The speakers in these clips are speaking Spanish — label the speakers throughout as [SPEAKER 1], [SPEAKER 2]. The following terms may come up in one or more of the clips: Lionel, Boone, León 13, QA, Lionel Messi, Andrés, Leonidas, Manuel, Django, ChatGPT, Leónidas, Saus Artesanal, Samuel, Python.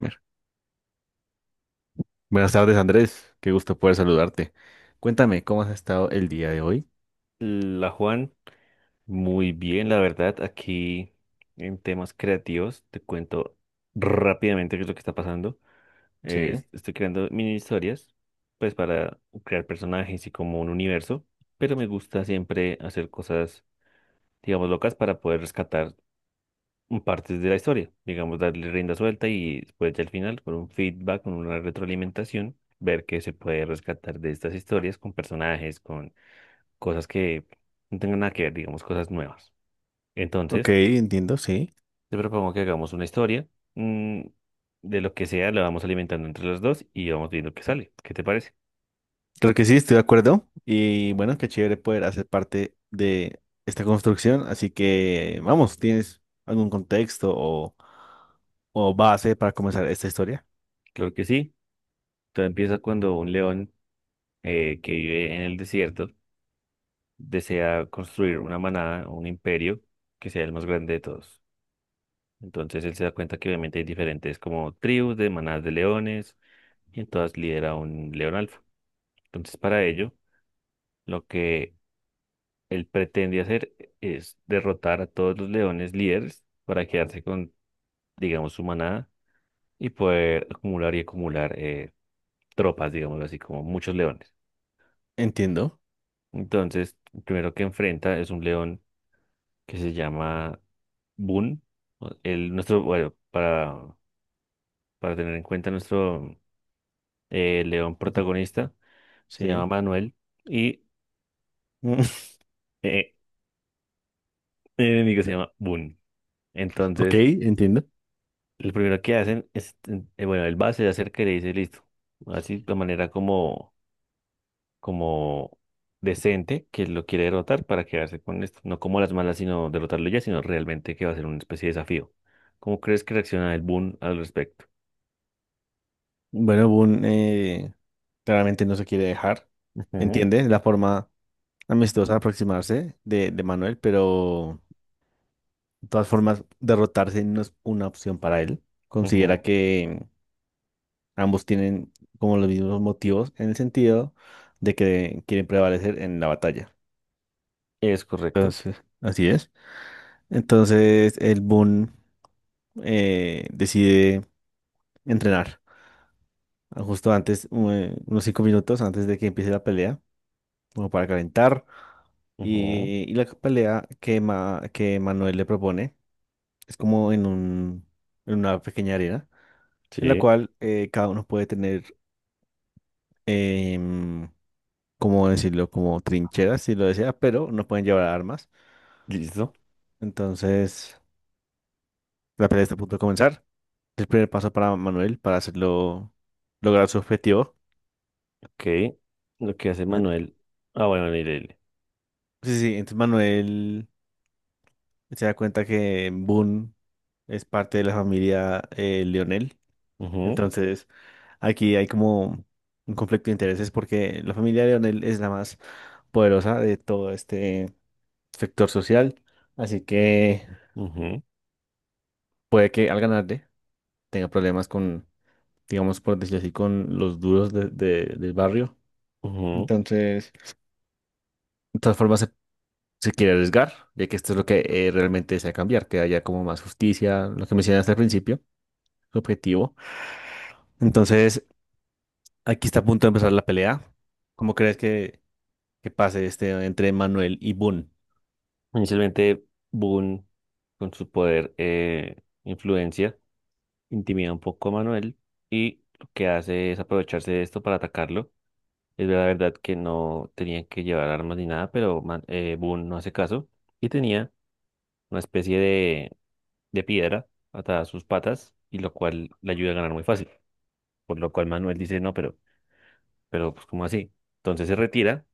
[SPEAKER 1] Ver. Buenas tardes, Andrés. Qué gusto poder saludarte. Cuéntame, ¿cómo has estado el día de hoy?
[SPEAKER 2] La Juan, muy bien, la verdad, aquí en temas creativos, te cuento rápidamente qué es lo que está pasando.
[SPEAKER 1] Sí.
[SPEAKER 2] Estoy creando mini historias, pues para crear personajes y como un universo, pero me gusta siempre hacer cosas, digamos, locas para poder rescatar partes de la historia, digamos, darle rienda suelta y después ya al final, con un feedback, con una retroalimentación, ver qué se puede rescatar de estas historias con personajes, con cosas que no tengan nada que ver, digamos, cosas nuevas.
[SPEAKER 1] Ok,
[SPEAKER 2] Entonces,
[SPEAKER 1] entiendo, sí.
[SPEAKER 2] te propongo que hagamos una historia mm, de lo que sea, la vamos alimentando entre los dos y vamos viendo qué sale. ¿Qué te parece?
[SPEAKER 1] Creo que sí, estoy de acuerdo. Y bueno, qué chévere poder hacer parte de esta construcción. Así que, vamos, ¿tienes algún contexto o base para comenzar esta historia?
[SPEAKER 2] Creo que sí. Todo empieza cuando un león que vive en el desierto desea construir una manada, un imperio que sea el más grande de todos. Entonces él se da cuenta que obviamente hay diferentes como tribus de manadas de leones y en todas lidera un león alfa. Entonces para ello, lo que él pretende hacer es derrotar a todos los leones líderes para quedarse con, digamos, su manada y poder acumular y acumular tropas, digamos así, como muchos leones.
[SPEAKER 1] Entiendo.
[SPEAKER 2] Entonces, el primero que enfrenta es un león que se llama Boone. O- El, nuestro, bueno, para tener en cuenta nuestro león
[SPEAKER 1] Ujú.
[SPEAKER 2] protagonista, se llama
[SPEAKER 1] Sí.
[SPEAKER 2] Manuel y
[SPEAKER 1] Mm,
[SPEAKER 2] eh, el enemigo se llama Boone.
[SPEAKER 1] Ok,
[SPEAKER 2] Entonces,
[SPEAKER 1] entiendo.
[SPEAKER 2] lo primero que hacen es, bueno, el base se acerca y le dice, listo, así de manera como como decente que lo quiere derrotar para quedarse con esto. No como las malas, sino derrotarlo ya, sino realmente que va a ser una especie de desafío. ¿Cómo crees que reacciona el Boon al respecto?
[SPEAKER 1] Bueno, Boone claramente no se quiere dejar.
[SPEAKER 2] Ujú,
[SPEAKER 1] Entiende la forma amistosa aproximarse de Manuel, pero de todas formas, derrotarse no es una opción para él. Considera
[SPEAKER 2] ujú.
[SPEAKER 1] que ambos tienen como los mismos motivos en el sentido de que quieren prevalecer en la batalla.
[SPEAKER 2] Es correcto.
[SPEAKER 1] Entonces, así es. Entonces, el Boon decide entrenar justo antes, unos cinco minutos antes de que empiece la pelea, como para calentar.
[SPEAKER 2] Ujú,
[SPEAKER 1] Y la pelea que Manuel le propone. Es como en en una pequeña arena en la
[SPEAKER 2] sí,
[SPEAKER 1] cual cada uno puede tener, em, ¿cómo decirlo? Como trincheras, si lo desea, pero no pueden llevar armas.
[SPEAKER 2] listo.
[SPEAKER 1] Entonces, la pelea está a punto de comenzar. El primer paso para Manuel para hacerlo, lograr su objetivo.
[SPEAKER 2] Ok. Lo que hace
[SPEAKER 1] Eh,
[SPEAKER 2] Manuel. Ah, bueno, mire.
[SPEAKER 1] Sí, entonces Manuel se da cuenta que Boone es parte de la familia Lionel.
[SPEAKER 2] Ujú,
[SPEAKER 1] Entonces, aquí hay como un conflicto de intereses porque la familia de Leonel es la más poderosa de todo este sector social, así que
[SPEAKER 2] ujú,
[SPEAKER 1] puede que al ganarle tenga problemas con, digamos, por decirlo así, con los duros del barrio.
[SPEAKER 2] ujú.
[SPEAKER 1] Entonces, de todas formas, se quiere arriesgar, ya que esto es lo que realmente desea cambiar, que haya como más justicia, lo que mencionaste al principio, su objetivo. Entonces, aquí está a punto de empezar la pelea. ¿Cómo crees que pase este entre Manuel y Boone?
[SPEAKER 2] Inicialmente, Boon, con su poder, influencia, intimida un poco a Manuel y lo que hace es aprovecharse de esto para atacarlo. Es la verdad que no tenían que llevar armas ni nada, pero Boone no hace caso y tenía una especie de piedra atada a sus patas y lo cual le ayuda a ganar muy fácil. Por lo cual Manuel dice, no, pero pues ¿cómo así? Entonces se retira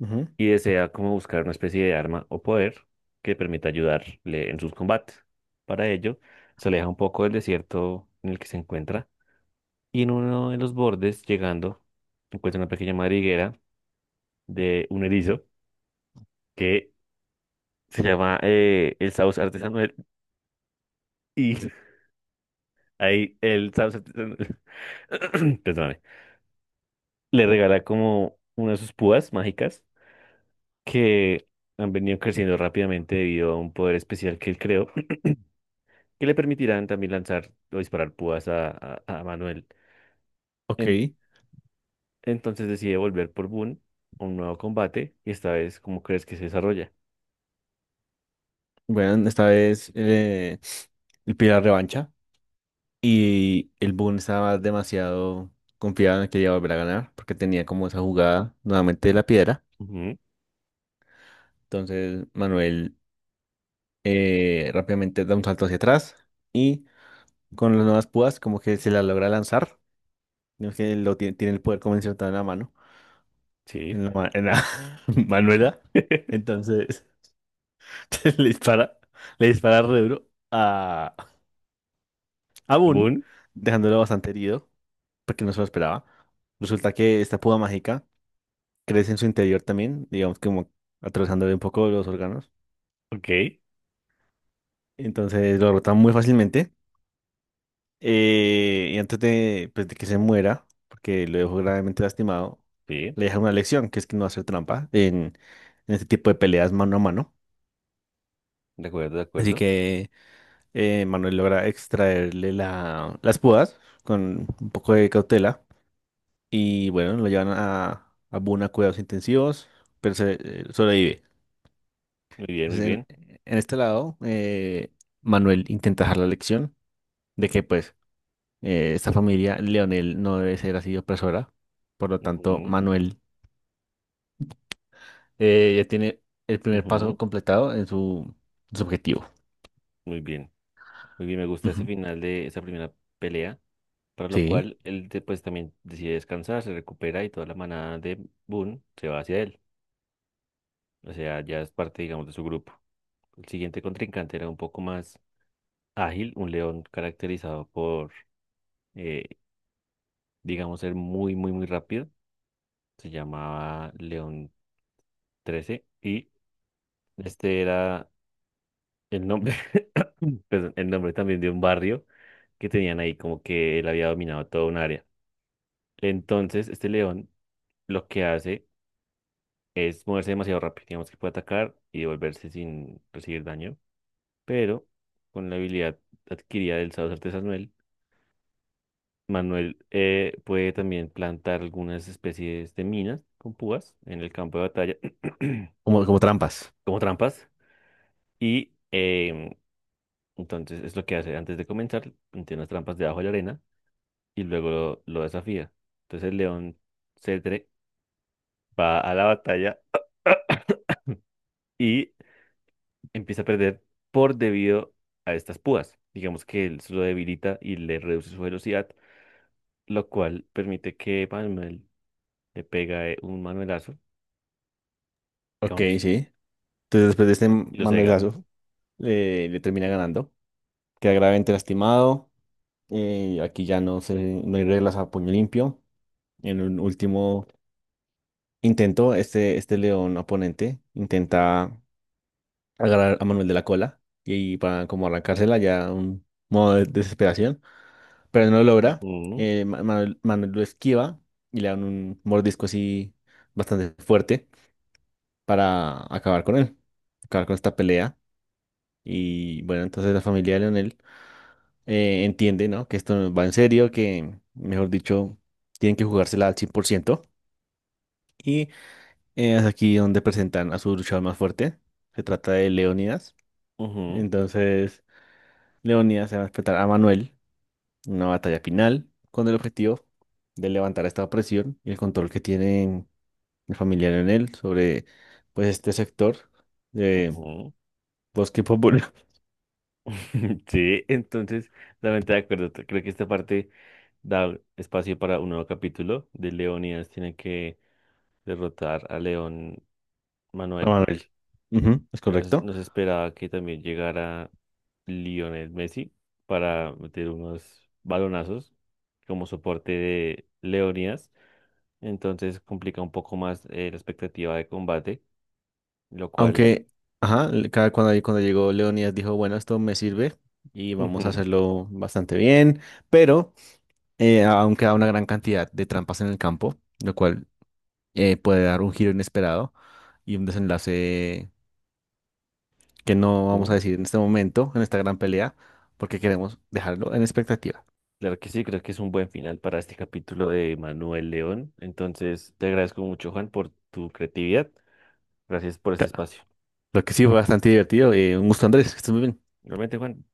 [SPEAKER 1] Ujú.
[SPEAKER 2] y desea como buscar una especie de arma o poder que permita ayudarle en sus combates. Para ello, se aleja un poco del desierto en el que se encuentra y en uno de los bordes, llegando, encuentra una pequeña madriguera de un erizo que se llama el Saus Artesanal y ahí el Saus Artesanal, perdóname, le regala como una de sus púas mágicas que han venido creciendo rápidamente debido a un poder especial que él creó, que le permitirán también lanzar o disparar púas a Manuel.
[SPEAKER 1] Ok,
[SPEAKER 2] En- entonces decide volver por Boon a un nuevo combate y esta vez, ¿cómo crees que se desarrolla?
[SPEAKER 1] bueno, esta vez el Pilar revancha y el Boone estaba demasiado confiado en que iba a volver a ganar porque tenía como esa jugada nuevamente de la piedra.
[SPEAKER 2] Ujú,
[SPEAKER 1] Entonces Manuel rápidamente da un salto hacia atrás y con las nuevas púas como que se la logra lanzar, no es que lo tiene, tiene el poder convencional en la mano,
[SPEAKER 2] sí.
[SPEAKER 1] en en la Manuela. Entonces le dispara, le dispara re duro. Aún,
[SPEAKER 2] Boon,
[SPEAKER 1] dejándolo bastante herido, porque no se lo esperaba, resulta que esta púa mágica crece en su interior también, digamos que como atravesándole un poco los órganos.
[SPEAKER 2] ok,
[SPEAKER 1] Entonces lo rota muy fácilmente. Y antes de, pues, de que se muera, porque lo dejó gravemente lastimado,
[SPEAKER 2] sí,
[SPEAKER 1] le deja una lección, que es que no hacer trampa en este tipo de peleas mano a mano.
[SPEAKER 2] de acuerdo, de
[SPEAKER 1] Así
[SPEAKER 2] acuerdo.
[SPEAKER 1] que Manuel logra extraerle las púas con un poco de cautela. Y bueno, lo llevan a Boone cuidados intensivos, pero sobrevive.
[SPEAKER 2] Muy bien, muy
[SPEAKER 1] Entonces,
[SPEAKER 2] bien.
[SPEAKER 1] en este lado, Manuel intenta dejar la lección de que, pues, esta familia, Leonel, no debe ser así opresora. Por lo tanto,
[SPEAKER 2] Ujú,
[SPEAKER 1] Manuel ya tiene el primer paso
[SPEAKER 2] ujú,
[SPEAKER 1] completado en su objetivo.
[SPEAKER 2] muy bien. Muy bien, me gusta ese
[SPEAKER 1] Ujú.
[SPEAKER 2] final de esa primera pelea, para lo
[SPEAKER 1] Sí,
[SPEAKER 2] cual pues también decide descansar, se recupera y toda la manada de Boone se va hacia él. O sea, ya es parte, digamos, de su grupo. El siguiente contrincante era un poco más ágil, un león caracterizado por, eh, digamos, ser muy, muy, muy rápido. Se llamaba León 13 y este era el nombre, perdón, el nombre también de un barrio que tenían ahí, como que él había dominado toda un área. Entonces, este león lo que hace es moverse demasiado rápido. Digamos que puede atacar y devolverse sin recibir daño, pero con la habilidad adquirida del sacerdote Samuel, Manuel puede también plantar algunas especies de minas con púas en el campo de batalla,
[SPEAKER 1] como, como trampas.
[SPEAKER 2] como trampas, y entonces es lo que hace antes de comenzar, plantea unas trampas debajo de la arena y luego lo desafía. Entonces el león cetre va a la batalla. Y empieza a perder por debido a estas púas. Digamos que él se lo debilita y le reduce su velocidad, lo cual permite que Manuel le pega un manuelazo
[SPEAKER 1] Ok,
[SPEAKER 2] con-
[SPEAKER 1] sí. Entonces, después de este
[SPEAKER 2] y lo cega.
[SPEAKER 1] Manuelazo, le termina ganando. Queda gravemente lastimado. Aquí ya no se, no hay reglas a puño limpio. En un último intento, este león oponente intenta agarrar a Manuel de la cola y para como arrancársela ya un modo de desesperación, pero no lo logra.
[SPEAKER 2] Ujú,
[SPEAKER 1] Manuel, Manuel lo esquiva y le dan un mordisco así bastante fuerte para acabar con él, acabar con esta pelea. Y bueno, entonces la familia de Leonel entiende, ¿no? Que esto va en serio, que, mejor dicho, tienen que jugársela al 100%. Y es aquí donde presentan a su luchador más fuerte. Se trata de Leónidas.
[SPEAKER 2] ujú,
[SPEAKER 1] Entonces, Leónidas se va a enfrentar a Manuel en una batalla final con el objetivo de levantar esta presión y el control que tienen el familiar familia Leonel sobre, pues, este sector de
[SPEAKER 2] ujú.
[SPEAKER 1] Bosque Popular.
[SPEAKER 2] Sí, entonces, totalmente de acuerdo. Creo que esta parte da espacio para un nuevo capítulo de Leonidas. Tiene que derrotar a León
[SPEAKER 1] A
[SPEAKER 2] Manuel.
[SPEAKER 1] Manuel. Ujú, es
[SPEAKER 2] Pero
[SPEAKER 1] correcto.
[SPEAKER 2] nos esperaba que también llegara Lionel Messi para meter unos balonazos como soporte de Leonidas. Entonces complica un poco más la expectativa de combate, lo cual,
[SPEAKER 1] Aunque, ajá, le- cada- cuando, ahí- cuando llegó Leonidas dijo, bueno, esto me sirve y vamos a
[SPEAKER 2] ujú,
[SPEAKER 1] hacerlo bastante bien, pero aún queda una gran cantidad de trampas en el campo, lo cual puede dar un giro inesperado y un desenlace que no vamos a
[SPEAKER 2] ujú.
[SPEAKER 1] decir en este momento, en esta gran pelea, porque queremos dejarlo en expectativa.
[SPEAKER 2] Claro que sí, creo que es un buen final para este capítulo de Manuel León. Entonces te agradezco mucho, Juan, por tu creatividad. Gracias por este
[SPEAKER 1] Claro.
[SPEAKER 2] espacio.
[SPEAKER 1] Lo que sí fue bastante divertido. Un gusto, Andrés, que estés muy bien.
[SPEAKER 2] Realmente, Juan.